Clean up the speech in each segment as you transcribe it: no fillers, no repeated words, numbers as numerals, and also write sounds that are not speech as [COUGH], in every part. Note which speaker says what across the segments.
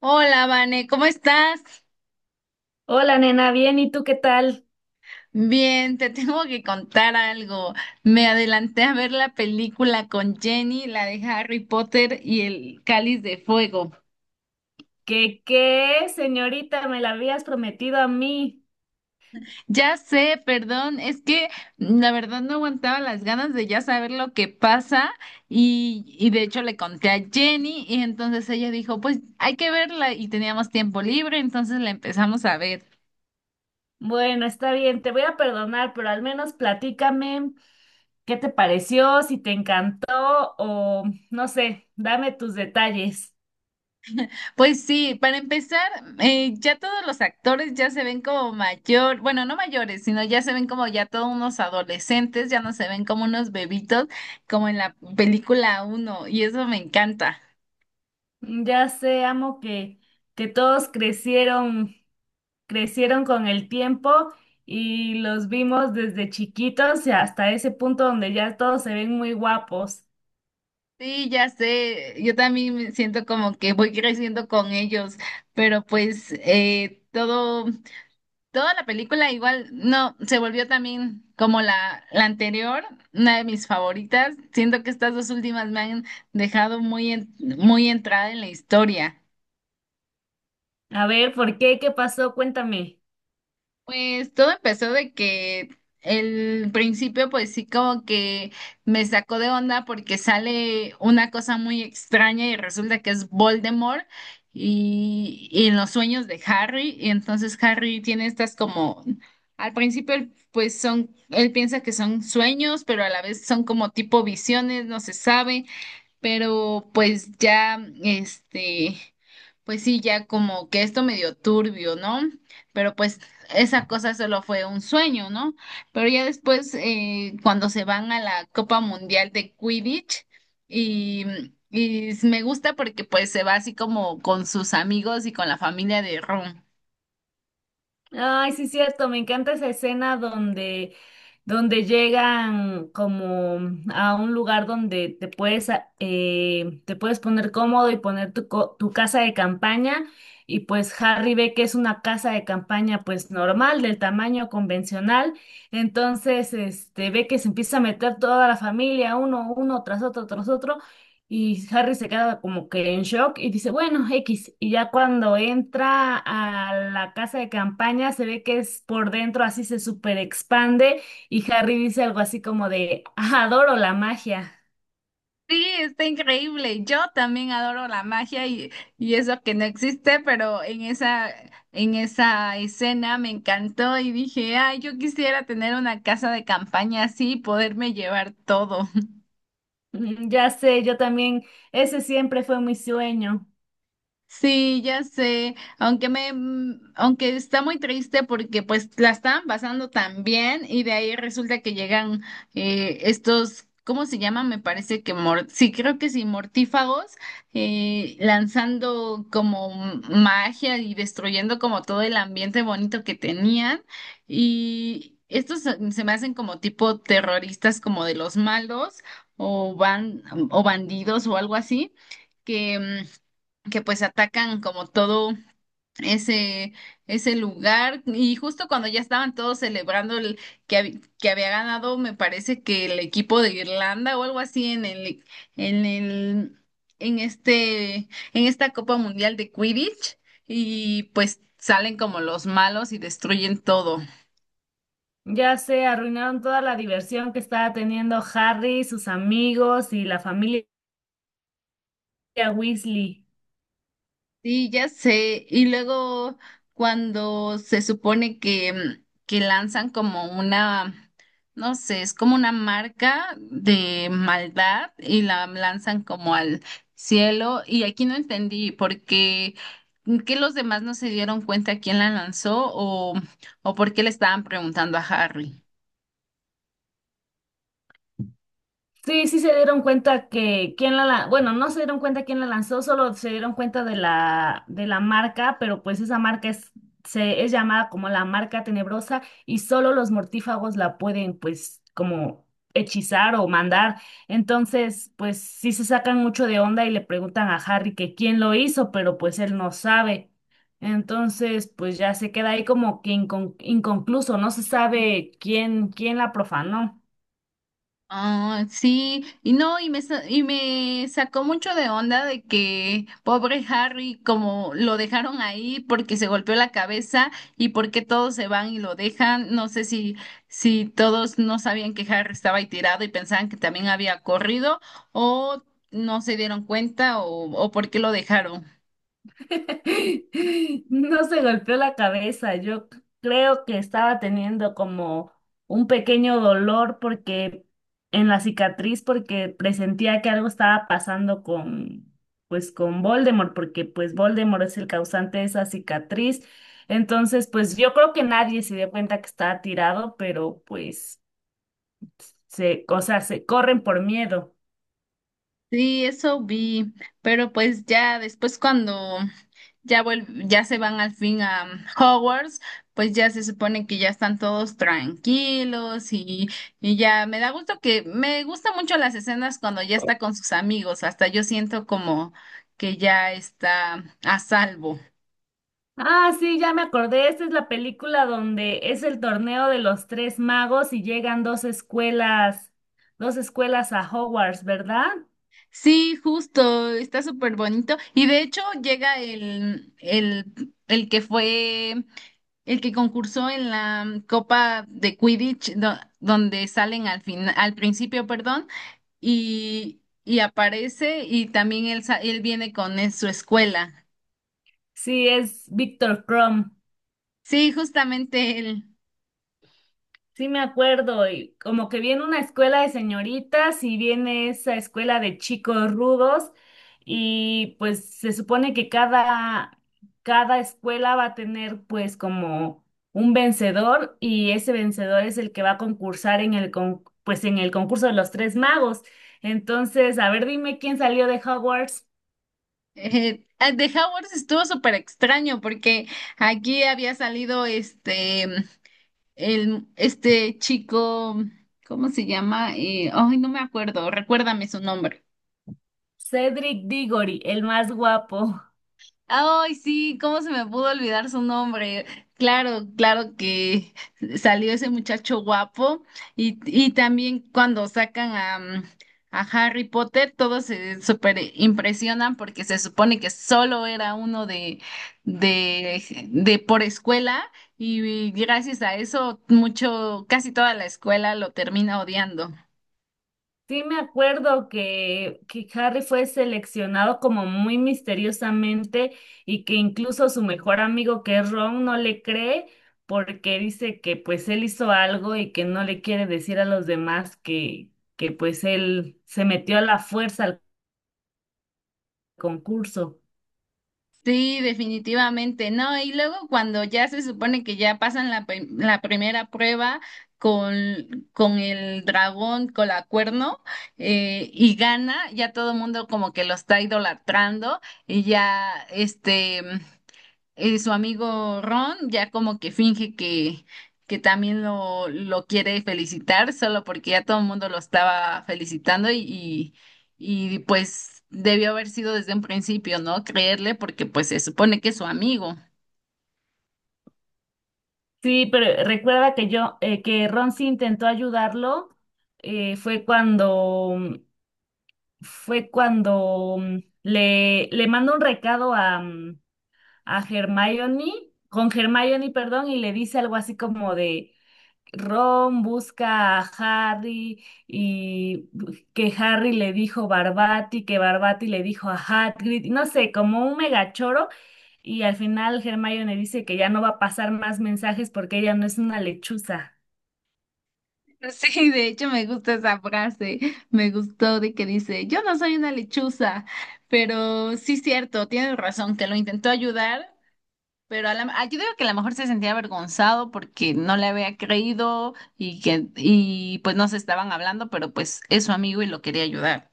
Speaker 1: Hola, Vane, ¿cómo estás?
Speaker 2: Hola, nena, bien, ¿y tú qué tal?
Speaker 1: Bien, te [LAUGHS] tengo que contar algo. Me adelanté a ver la película con Jenny, la de Harry Potter y el Cáliz de Fuego.
Speaker 2: ¿Qué, señorita? Me la habías prometido a mí.
Speaker 1: Ya sé, perdón, es que la verdad no aguantaba las ganas de ya saber lo que pasa y de hecho le conté a Jenny y entonces ella dijo, pues hay que verla y teníamos tiempo libre, entonces la empezamos a ver.
Speaker 2: Bueno, está bien, te voy a perdonar, pero al menos platícame qué te pareció, si te encantó o no sé, dame tus detalles.
Speaker 1: Pues sí, para empezar, ya todos los actores ya se ven como mayor, bueno, no mayores, sino ya se ven como ya todos unos adolescentes, ya no se ven como unos bebitos, como en la película uno y eso me encanta.
Speaker 2: Ya sé, amo que todos crecieron con el tiempo y los vimos desde chiquitos y hasta ese punto donde ya todos se ven muy guapos.
Speaker 1: Sí, ya sé, yo también me siento como que voy creciendo con ellos, pero pues todo. Toda la película igual, no, se volvió también como la anterior, una de mis favoritas. Siento que estas dos últimas me han dejado muy, muy entrada en la historia.
Speaker 2: A ver, ¿por qué? ¿Qué pasó? Cuéntame.
Speaker 1: Pues todo empezó de que el principio pues sí como que me sacó de onda porque sale una cosa muy extraña y resulta que es Voldemort y en los sueños de Harry y entonces Harry tiene estas como al principio él piensa que son sueños, pero a la vez son como tipo visiones, no se sabe. Pero pues ya, este, pues sí, ya como que esto medio turbio, ¿no? Pero pues esa cosa solo fue un sueño, ¿no? Pero ya después, cuando se van a la Copa Mundial de Quidditch, y, y me gusta porque pues se va así como con sus amigos y con la familia de Ron.
Speaker 2: Ay, sí, cierto, me encanta esa escena donde llegan como a un lugar donde te puedes poner cómodo y poner tu casa de campaña. Y pues Harry ve que es una casa de campaña pues normal, del tamaño convencional. Entonces, este, ve que se empieza a meter toda la familia, uno tras otro, tras otro. Y Harry se queda como que en shock y dice, bueno, X. Y ya cuando entra a la casa de campaña, se ve que es por dentro, así se super expande y Harry dice algo así como de, "Ah, adoro la magia.
Speaker 1: Sí, está increíble. Yo también adoro la magia y eso que no existe, pero en esa escena me encantó y dije, ay, yo quisiera tener una casa de campaña así y poderme llevar todo.
Speaker 2: Ya sé, yo también, ese siempre fue mi sueño.
Speaker 1: Sí, ya sé, aunque me, aunque está muy triste porque pues la estaban pasando tan bien y de ahí resulta que llegan estos, ¿cómo se llaman? Me parece que, mor sí, creo que sí, mortífagos, lanzando como magia y destruyendo como todo el ambiente bonito que tenían y estos se me hacen como tipo terroristas como de los malos, o, ban o bandidos o algo así que... que pues atacan como todo ese, ese lugar y justo cuando ya estaban todos celebrando el, que, que había ganado, me parece que el equipo de Irlanda o algo así en el, en el, en este, en esta Copa Mundial de Quidditch y pues salen como los malos y destruyen todo.
Speaker 2: Ya sé, arruinaron toda la diversión que estaba teniendo Harry, sus amigos y la familia Weasley.
Speaker 1: Sí, ya sé. Y luego cuando se supone que, que lanzan como una, no sé, es como una marca de maldad y la lanzan como al cielo. Y aquí no entendí por qué, que los demás no se dieron cuenta quién la lanzó o por qué le estaban preguntando a Harry.
Speaker 2: Sí, sí se dieron cuenta que quién bueno, no se dieron cuenta quién la lanzó, solo se dieron cuenta de la marca, pero pues esa marca es llamada como la marca tenebrosa y solo los mortífagos la pueden pues como hechizar o mandar. Entonces, pues sí se sacan mucho de onda y le preguntan a Harry que quién lo hizo, pero pues él no sabe. Entonces, pues ya se queda ahí como que inconcluso, no se sabe quién la profanó.
Speaker 1: Ah, sí, y no, y me, y me sacó mucho de onda de que pobre Harry, como lo dejaron ahí porque se golpeó la cabeza y porque todos se van y lo dejan. No sé si, si todos no sabían que Harry estaba ahí tirado y pensaban que también había corrido o no se dieron cuenta o por qué lo dejaron.
Speaker 2: [LAUGHS] No se golpeó la cabeza, yo creo que estaba teniendo como un pequeño dolor porque en la cicatriz porque presentía que algo estaba pasando con Voldemort porque pues Voldemort es el causante de esa cicatriz. Entonces, pues yo creo que nadie se dio cuenta que estaba tirado, pero pues o sea, se corren por miedo.
Speaker 1: Sí, eso vi, pero pues ya después cuando ya se van al fin a Hogwarts, pues ya se supone que ya están todos tranquilos y ya me da gusto que me gustan mucho las escenas cuando ya está con sus amigos, hasta yo siento como que ya está a salvo.
Speaker 2: Ah, sí, ya me acordé. Esta es la película donde es el torneo de los tres magos y llegan dos escuelas a Hogwarts, ¿verdad?
Speaker 1: Sí, justo, está súper bonito y de hecho llega el que fue... El que concursó en la Copa de Quidditch, donde salen al final, al principio, perdón. Y, y aparece y también él viene con su escuela.
Speaker 2: Sí, es Victor Crumb.
Speaker 1: Sí, justamente él.
Speaker 2: Sí, me acuerdo, y como que viene una escuela de señoritas y viene esa escuela de chicos rudos y pues se supone que cada escuela va a tener pues como un vencedor y ese vencedor es el que va a concursar en el concurso de los tres magos. Entonces, a ver, dime quién salió de Hogwarts.
Speaker 1: Eh, el de Howard estuvo súper extraño porque aquí había salido este, el, este chico, ¿cómo se llama? Ay, no me acuerdo, recuérdame su nombre.
Speaker 2: Cedric Diggory, el más guapo.
Speaker 1: Ay, sí, ¿cómo se me pudo olvidar su nombre? Claro, claro que salió ese muchacho guapo y también cuando sacan a, a Harry Potter, todos se super impresionan porque se supone que solo era uno de por escuela y gracias a eso mucho, casi toda la escuela lo termina odiando.
Speaker 2: Sí, me acuerdo que Harry fue seleccionado como muy misteriosamente y que incluso su mejor amigo que es Ron no le cree porque dice que pues él hizo algo y que no le quiere decir a los demás que pues él se metió a la fuerza al concurso.
Speaker 1: Sí, definitivamente, ¿no? Y luego cuando ya se supone que ya pasan la, la primera prueba con el dragón, con la cuerno, y gana, ya todo el mundo como que lo está idolatrando y ya, este su amigo Ron ya como que finge que también lo quiere felicitar, solo porque ya todo el mundo lo estaba felicitando y, pues debió haber sido desde un principio, ¿no? Creerle porque pues se supone que es su amigo.
Speaker 2: Sí, pero recuerda que que Ron sí intentó ayudarlo, eh, fue cuando, fue cuando le mandó un recado a Hermione, con Hermione, perdón, y le dice algo así como de Ron busca a Harry y que Harry le dijo Barbati, que Barbati le dijo a Hagrid, y no sé, como un megachoro. Y al final Hermione dice que ya no va a pasar más mensajes porque ella no es una lechuza.
Speaker 1: Sí, de hecho me gusta esa frase, me gustó de que dice, yo no soy una lechuza, pero sí cierto, tienes razón, que lo intentó ayudar. Pero a la, ah, yo digo que a lo mejor se sentía avergonzado porque no le había creído y que, y pues no se estaban hablando, pero pues es su amigo y lo quería ayudar.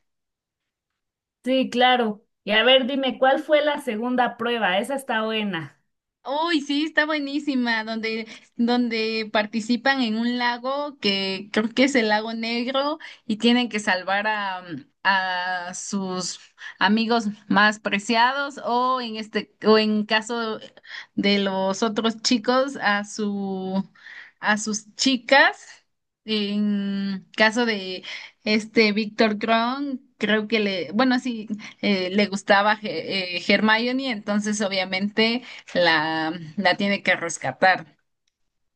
Speaker 2: Sí, claro. Y a ver, dime, ¿cuál fue la segunda prueba? Esa está buena.
Speaker 1: Uy, sí, está buenísima, donde, donde participan en un lago que creo que es el lago Negro y tienen que salvar a sus amigos más preciados o en este, o en caso de los otros chicos, a su, a sus chicas. En caso de este Víctor Kron, creo que le, bueno, sí, le gustaba Hermione, entonces obviamente la, la tiene que rescatar.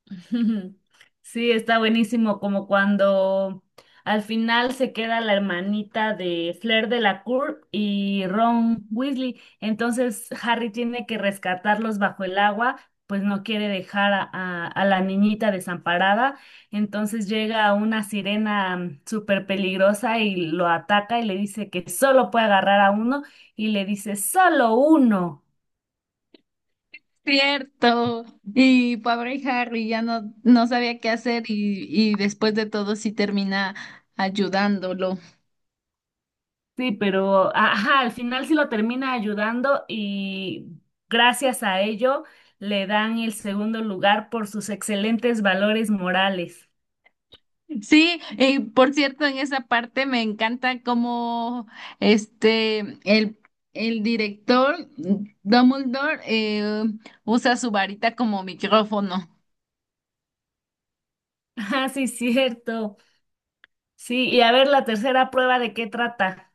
Speaker 2: [LAUGHS] Sí, está buenísimo, como cuando al final se queda la hermanita de Flair de la Cour y Ron Weasley. Entonces Harry tiene que rescatarlos bajo el agua, pues no quiere dejar a la niñita desamparada. Entonces llega una sirena súper peligrosa y lo ataca y le dice que solo puede agarrar a uno y le dice solo uno.
Speaker 1: Cierto. Y pobre Harry ya no, no sabía qué hacer y después de todo sí termina ayudándolo.
Speaker 2: Sí, pero ajá, al final sí lo termina ayudando y gracias a ello le dan el segundo lugar por sus excelentes valores morales.
Speaker 1: Sí, y por cierto, en esa parte me encanta cómo este el, el director Dumbledore, usa su varita como micrófono.
Speaker 2: [LAUGHS] Ah, sí, cierto. Sí, y a ver la tercera prueba de qué trata.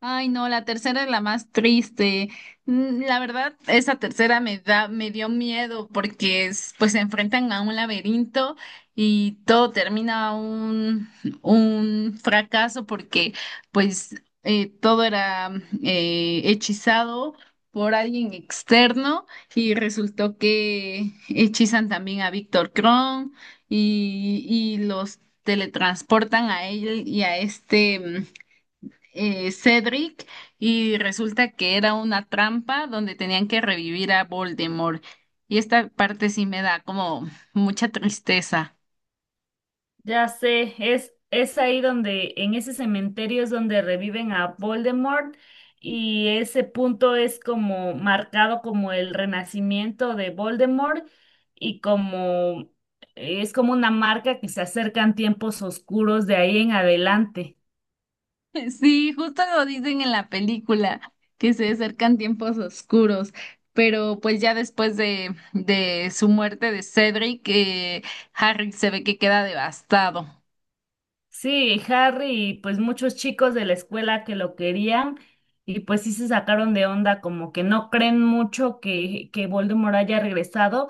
Speaker 1: Ay, no, la tercera es la más triste. La verdad, esa tercera me da, me dio miedo porque pues se enfrentan a un laberinto y todo termina un fracaso porque pues todo era hechizado por alguien externo y resultó que hechizan también a Víctor Kron y los teletransportan a él y a este... Cedric y resulta que era una trampa donde tenían que revivir a Voldemort. Y esta parte sí me da como mucha tristeza. [LAUGHS]
Speaker 2: Ya sé, es ahí en ese cementerio es donde reviven a Voldemort y ese punto es como marcado como el renacimiento de Voldemort y como es como una marca que se acercan tiempos oscuros de ahí en adelante.
Speaker 1: Sí, justo lo dicen en la película, que se acercan tiempos oscuros, pero pues ya después de su muerte de Cedric, Harry se ve que queda devastado.
Speaker 2: Sí, Harry y pues muchos chicos de la escuela que lo querían y pues sí se sacaron de onda, como que no creen mucho que Voldemort haya regresado,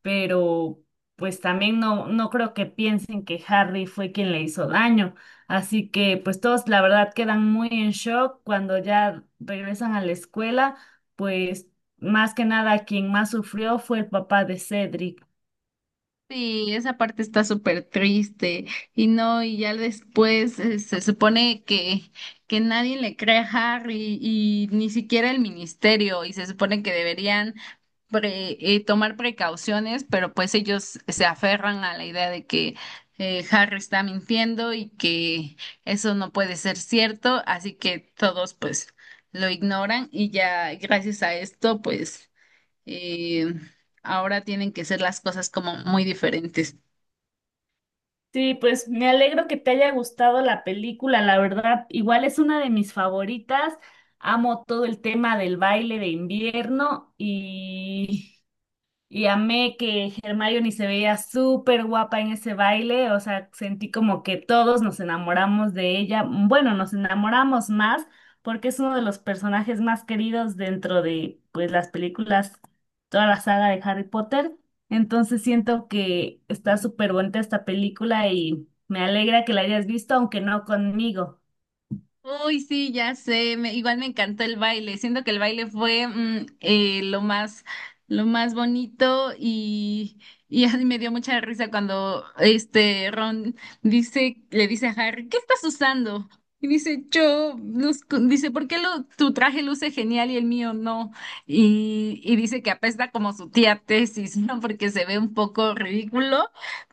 Speaker 2: pero pues también no, no creo que piensen que Harry fue quien le hizo daño. Así que pues todos la verdad quedan muy en shock cuando ya regresan a la escuela, pues más que nada quien más sufrió fue el papá de Cedric.
Speaker 1: Sí, esa parte está súper triste y no, y ya después se supone que nadie le cree a Harry y ni siquiera el ministerio y se supone que deberían tomar precauciones, pero pues ellos se aferran a la idea de que Harry está mintiendo y que eso no puede ser cierto, así que todos pues lo ignoran y ya gracias a esto pues, eh, ahora tienen que ser las cosas como muy diferentes.
Speaker 2: Sí, pues me alegro que te haya gustado la película, la verdad, igual es una de mis favoritas. Amo todo el tema del baile de invierno y amé que Hermione se veía súper guapa en ese baile, o sea, sentí como que todos nos enamoramos de ella. Bueno, nos enamoramos más porque es uno de los personajes más queridos dentro de pues las películas, toda la saga de Harry Potter. Entonces siento que está súper bonita esta película y me alegra que la hayas visto, aunque no conmigo.
Speaker 1: Uy, sí, ya sé, igual me encantó el baile, siento que el baile fue lo más bonito y [LAUGHS] me dio mucha risa cuando este Ron dice, le dice a Harry, ¿qué estás usando? Y dice, yo, dice, ¿por qué lo, tu traje luce genial y el mío no? Y dice que apesta como su tía Tesis, [LAUGHS] ¿no? Porque se ve un poco ridículo,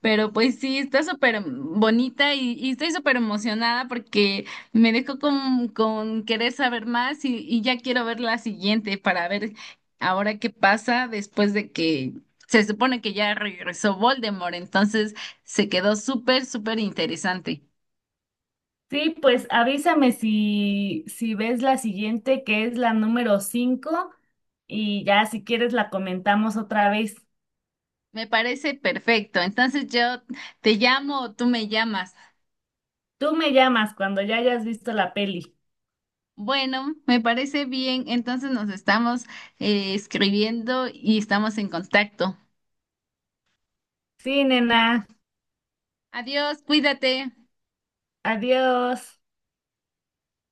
Speaker 1: pero pues sí, está súper bonita y estoy súper emocionada porque... Me dejó con querer saber más y ya quiero ver la siguiente para ver ahora qué pasa después de que se supone que ya regresó Voldemort, entonces se quedó súper, súper interesante.
Speaker 2: Sí, pues avísame si ves la siguiente, que es la número 5 y ya si quieres la comentamos otra vez.
Speaker 1: Me parece perfecto, entonces yo te llamo o tú me llamas.
Speaker 2: Tú me llamas cuando ya hayas visto la peli.
Speaker 1: Bueno, me parece bien, entonces nos estamos, escribiendo y estamos en contacto.
Speaker 2: Sí, nena.
Speaker 1: Adiós, cuídate.
Speaker 2: Adiós.